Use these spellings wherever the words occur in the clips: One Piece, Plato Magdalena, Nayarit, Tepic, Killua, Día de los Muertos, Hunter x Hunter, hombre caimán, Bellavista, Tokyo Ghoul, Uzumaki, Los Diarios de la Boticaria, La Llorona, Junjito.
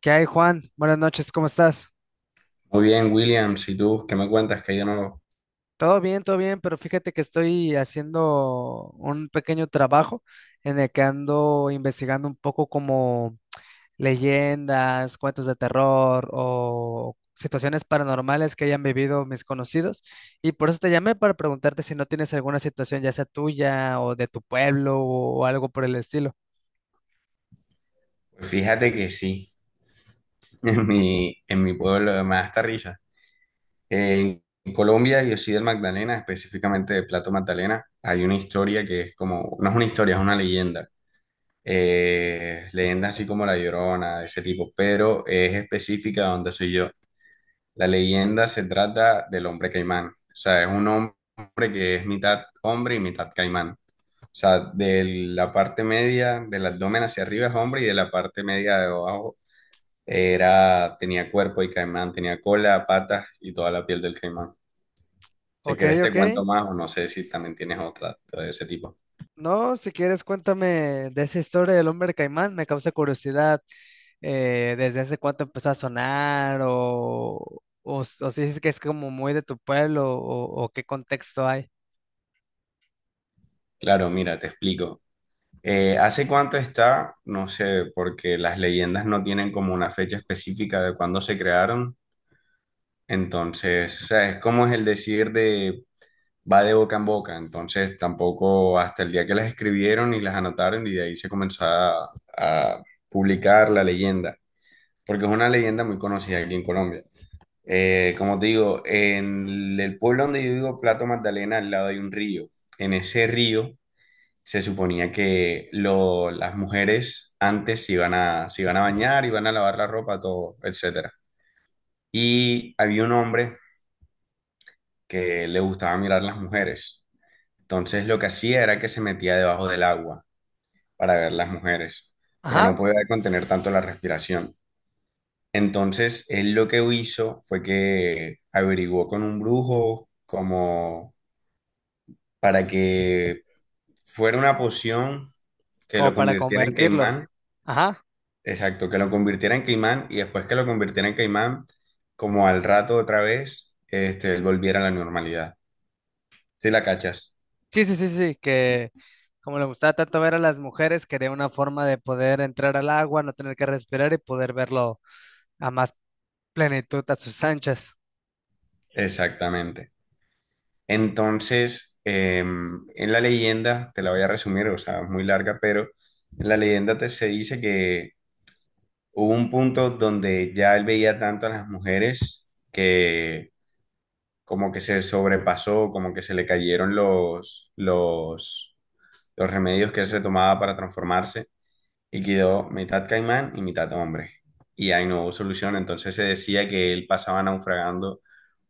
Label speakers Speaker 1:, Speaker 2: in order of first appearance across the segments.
Speaker 1: ¿Qué hay, Juan? Buenas noches, ¿cómo estás?
Speaker 2: Muy bien, Williams, ¿y tú qué me cuentas que hay de nuevo?
Speaker 1: Todo bien, pero fíjate que estoy haciendo un pequeño trabajo en el que ando investigando un poco como leyendas, cuentos de terror o situaciones paranormales que hayan vivido mis conocidos. Y por eso te llamé para preguntarte si no tienes alguna situación, ya sea tuya o de tu pueblo o algo por el estilo.
Speaker 2: Pues fíjate que sí, en mi pueblo me da hasta risa. En Colombia, yo soy del Magdalena, específicamente de Plato Magdalena. Hay una historia que es como, no es una historia, es una leyenda. Leyenda así como La Llorona, de ese tipo, pero es específica de donde soy yo. La leyenda se trata del hombre caimán. O sea, es un hombre que es mitad hombre y mitad caimán. O sea, de la parte media del abdomen hacia arriba es hombre y de la parte media de abajo era, tenía cuerpo y caimán, tenía cola, patas y toda la piel del caimán. Si
Speaker 1: Ok,
Speaker 2: querés te
Speaker 1: ok.
Speaker 2: cuento más o no sé si también tienes otra de ese tipo.
Speaker 1: No, si quieres, cuéntame de esa historia del hombre caimán. Me causa curiosidad desde hace cuánto empezó a sonar o si es que es como muy de tu pueblo o qué contexto hay.
Speaker 2: Claro, mira, te explico. ¿Hace cuánto está? No sé, porque las leyendas no tienen como una fecha específica de cuándo se crearon. Entonces, o sea, es como es el decir de va de boca en boca, entonces tampoco hasta el día que las escribieron y las anotaron y de ahí se comenzó a publicar la leyenda, porque es una leyenda muy conocida aquí en Colombia. Como te digo, en el pueblo donde yo vivo, Plato Magdalena, al lado hay un río. En ese río se suponía que las mujeres antes se iban a bañar, iban a lavar la ropa, todo, etcétera. Y había un hombre que le gustaba mirar las mujeres. Entonces lo que hacía era que se metía debajo del agua para ver las mujeres, pero no
Speaker 1: Ajá,
Speaker 2: podía contener tanto la respiración. Entonces él lo que hizo fue que averiguó con un brujo como para que fuera una poción que lo
Speaker 1: como para
Speaker 2: convirtiera en
Speaker 1: convertirlo.
Speaker 2: caimán,
Speaker 1: Ajá.
Speaker 2: exacto, que lo convirtiera en caimán y después que lo convirtiera en caimán, como al rato otra vez, este, él volviera a la normalidad. ¿Sí la cachas?
Speaker 1: Sí, sí, sí, sí, que como le gustaba tanto ver a las mujeres, quería una forma de poder entrar al agua, no tener que respirar y poder verlo a más plenitud a sus anchas.
Speaker 2: Exactamente. Entonces, en la leyenda, te la voy a resumir, o sea, es muy larga, pero en la leyenda te, se dice que hubo un punto donde ya él veía tanto a las mujeres que como que se sobrepasó, como que se le cayeron los remedios que él se tomaba para transformarse y quedó mitad caimán y mitad hombre. Y ahí no hubo solución, entonces se decía que él pasaba naufragando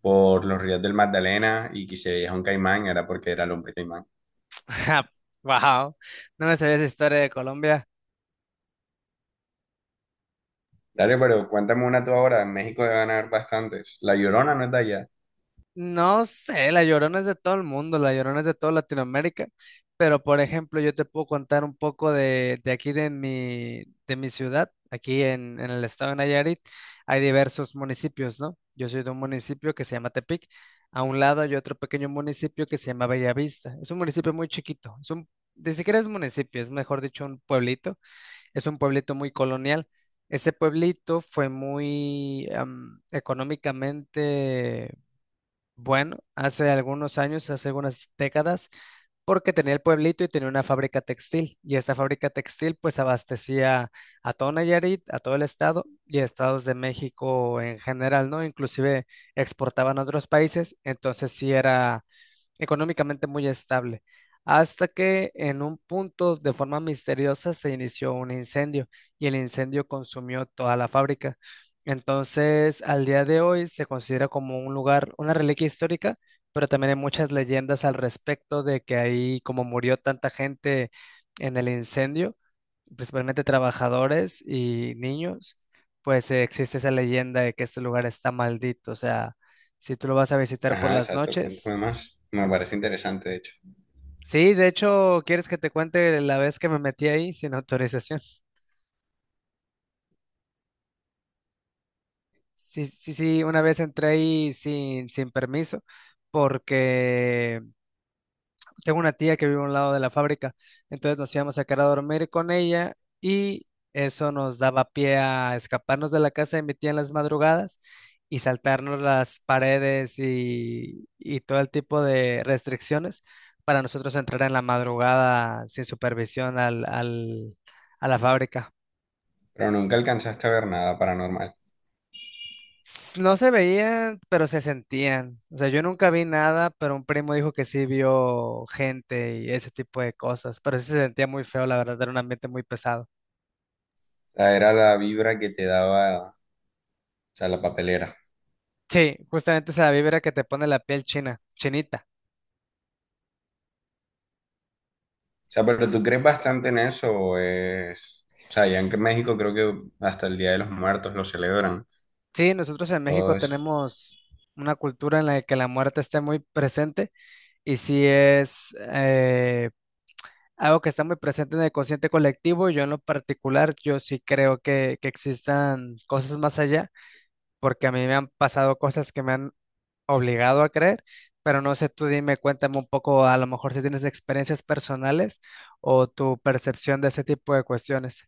Speaker 2: por los ríos del Magdalena y que si veía un caimán era porque era el hombre caimán.
Speaker 1: Wow, no me sabía esa historia de Colombia.
Speaker 2: Dale, pero cuéntame una tú ahora. México debe ganar bastantes. La Llorona no es de allá.
Speaker 1: No sé, la Llorona es de todo el mundo, la Llorona es de toda Latinoamérica, pero por ejemplo yo te puedo contar un poco de aquí de mi ciudad, aquí en el estado de Nayarit, hay diversos municipios, ¿no? Yo soy de un municipio que se llama Tepic. A un lado hay otro pequeño municipio que se llama Bellavista. Es un municipio muy chiquito, es un, ni siquiera es municipio, es mejor dicho un pueblito, es un pueblito muy colonial. Ese pueblito fue muy económicamente bueno, hace algunos años, hace algunas décadas, porque tenía el pueblito y tenía una fábrica textil. Y esta fábrica textil pues abastecía a todo Nayarit, a todo el estado y a estados de México en general, ¿no? Inclusive exportaban a otros países, entonces sí era económicamente muy estable, hasta que en un punto de forma misteriosa se inició un incendio y el incendio consumió toda la fábrica. Entonces, al día de hoy se considera como un lugar, una reliquia histórica, pero también hay muchas leyendas al respecto de que ahí, como murió tanta gente en el incendio, principalmente trabajadores y niños, pues existe esa leyenda de que este lugar está maldito, o sea, si tú lo vas a visitar por
Speaker 2: Ajá,
Speaker 1: las
Speaker 2: exacto. Cuéntame
Speaker 1: noches.
Speaker 2: más. Me parece interesante, de hecho.
Speaker 1: Sí, de hecho, ¿quieres que te cuente la vez que me metí ahí sin autorización? Sí, sí, sí, una vez entré ahí sin permiso porque tengo una tía que vive a un lado de la fábrica, entonces nos íbamos a quedar a dormir con ella y eso nos daba pie a escaparnos de la casa de mi tía en las madrugadas y saltarnos las paredes y todo el tipo de restricciones para nosotros entrar en la madrugada sin supervisión a la fábrica.
Speaker 2: Pero nunca alcanzaste a ver nada paranormal. O
Speaker 1: S- No se veían, pero se sentían. O sea, yo nunca vi nada, pero un primo dijo que sí vio gente y ese tipo de cosas. Pero sí se sentía muy feo, la verdad, era un ambiente muy pesado.
Speaker 2: sea, era la vibra que te daba, o sea, la papelera.
Speaker 1: Sí, justamente esa vibra que te pone la piel china, chinita.
Speaker 2: O sea, pero tú crees bastante en eso o es... O sea, ya en México creo que hasta el Día de los Muertos lo celebran.
Speaker 1: Sí, nosotros en
Speaker 2: Todo
Speaker 1: México
Speaker 2: eso.
Speaker 1: tenemos una cultura en la que la muerte está muy presente y sí es algo que está muy presente en el consciente colectivo. Yo en lo particular, yo sí creo que existan cosas más allá, porque a mí me han pasado cosas que me han obligado a creer, pero no sé, tú dime, cuéntame un poco, a lo mejor si tienes experiencias personales o tu percepción de ese tipo de cuestiones.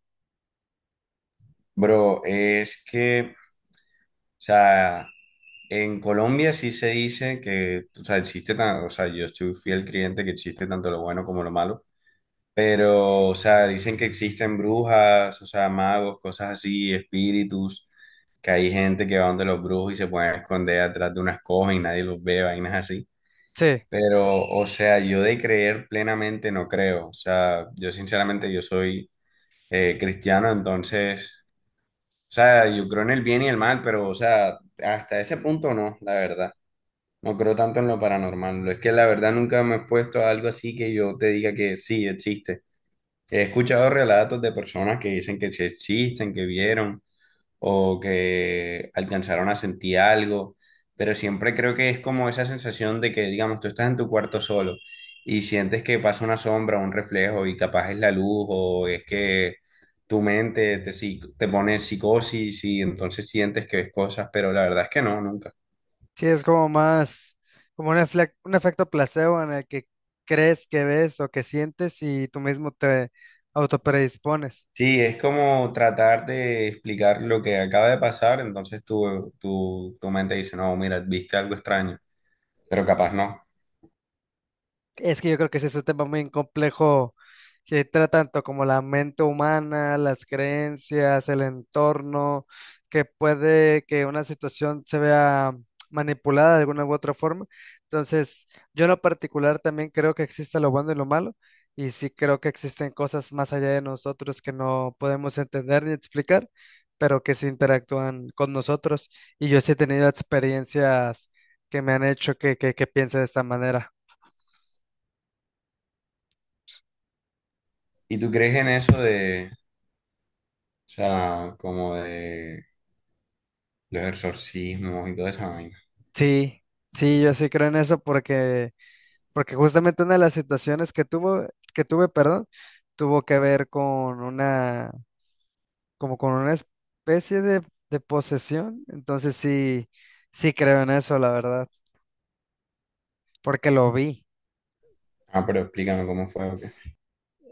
Speaker 2: Bro, es que, o sea, en Colombia sí se dice que, o sea, existe, o sea, yo estoy fiel creyente que existe tanto lo bueno como lo malo. Pero, o sea, dicen que existen brujas, o sea, magos, cosas así, espíritus, que hay gente que va donde los brujos y se pueden esconder atrás de unas cosas y nadie los ve, vainas así.
Speaker 1: Sí,
Speaker 2: Pero, o sea, yo de creer plenamente no creo. O sea, yo sinceramente yo soy cristiano, entonces, o sea, yo creo en el bien y el mal, pero, o sea, hasta ese punto no, la verdad. No creo tanto en lo paranormal. Es que la verdad nunca me he expuesto a algo así que yo te diga que sí existe. He escuchado relatos de personas que dicen que sí existen, que vieron o que alcanzaron a sentir algo, pero siempre creo que es como esa sensación de que, digamos, tú estás en tu cuarto solo y sientes que pasa una sombra, un reflejo y capaz es la luz o es que tu mente te pone en psicosis y entonces sientes que ves cosas, pero la verdad es que no, nunca.
Speaker 1: sí, es como más, como un, un efecto placebo en el que crees que ves o que sientes y tú mismo te autopredispones.
Speaker 2: Sí, es como tratar de explicar lo que acaba de pasar, entonces tu mente dice, no, mira, viste algo extraño. Pero capaz no.
Speaker 1: Es que yo creo que ese es un tema muy complejo que trata tanto como la mente humana, las creencias, el entorno, que puede que una situación se vea manipulada de alguna u otra forma. Entonces, yo en lo particular también creo que existe lo bueno y lo malo, y sí creo que existen cosas más allá de nosotros que no podemos entender ni explicar, pero que se interactúan con nosotros. Y yo sí he tenido experiencias que me han hecho que piense de esta manera.
Speaker 2: ¿Y tú crees en eso de, o sea, como de los exorcismos y toda esa vaina?
Speaker 1: Sí, sí, yo sí creo en eso porque justamente una de las situaciones que tuve, perdón, tuvo que ver con una, como con una especie de posesión. Entonces sí, sí creo en eso, la verdad, porque lo vi.
Speaker 2: Ah, pero explícame cómo fue. O qué.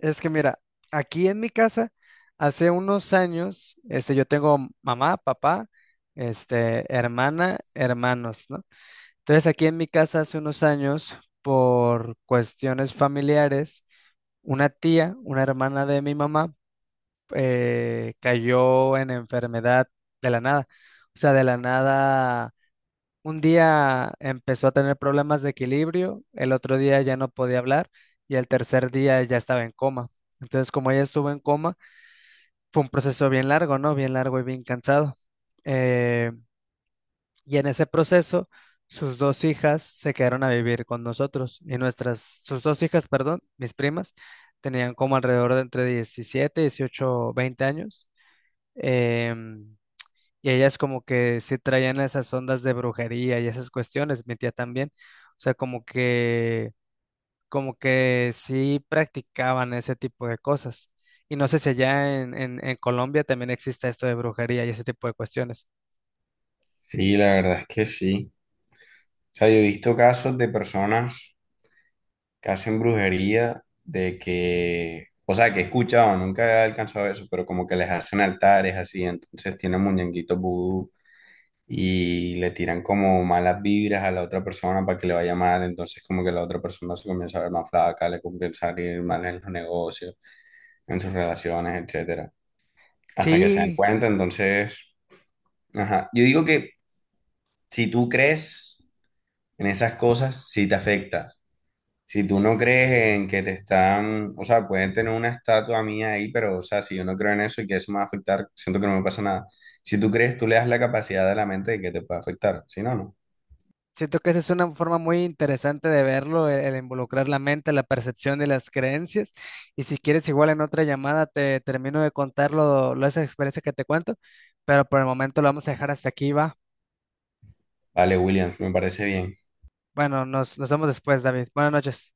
Speaker 1: Es que mira, aquí en mi casa, hace unos años, yo tengo mamá, papá, hermana, hermanos, ¿no? Entonces aquí en mi casa hace unos años, por cuestiones familiares, una tía, una hermana de mi mamá, cayó en enfermedad de la nada. O sea, de la nada, un día empezó a tener problemas de equilibrio, el otro día ya no podía hablar y el tercer día ya estaba en coma. Entonces, como ella estuvo en coma, fue un proceso bien largo, ¿no? Bien largo y bien cansado. Em, y en ese proceso, sus dos hijas se quedaron a vivir con nosotros sus dos hijas, perdón, mis primas, tenían como alrededor de entre 17, 18, 20 años. em, y ellas como que sí traían esas ondas de brujería y esas cuestiones, mi tía también. O sea, como que sí practicaban ese tipo de cosas. Y no sé si allá en Colombia también existe esto de brujería y ese tipo de cuestiones.
Speaker 2: Sí, la verdad es que sí. O sea, yo he visto casos de personas que hacen brujería de que, o sea, que he escuchado, nunca he alcanzado eso, pero como que les hacen altares así, entonces tienen muñequitos vudú y le tiran como malas vibras a la otra persona para que le vaya mal, entonces como que la otra persona se comienza a ver más flaca, le comienza a ir mal en los negocios, en sus relaciones, etcétera, hasta que se dan
Speaker 1: Sí,
Speaker 2: cuenta. Entonces, ajá. Yo digo que si tú crees en esas cosas, sí te afecta. Si tú no crees en que te están, o sea, pueden tener una estatua mía ahí, pero, o sea, si yo no creo en eso y que eso me va a afectar, siento que no me pasa nada. Si tú crees, tú le das la capacidad de la mente de que te pueda afectar. Si no, no.
Speaker 1: siento que esa es una forma muy interesante de verlo, el involucrar la mente, la percepción y las creencias. Y si quieres, igual en otra llamada te termino de contar esa experiencia que te cuento, pero por el momento lo vamos a dejar hasta aquí, va.
Speaker 2: Vale, William, me parece bien.
Speaker 1: Bueno, nos vemos después, David. Buenas noches.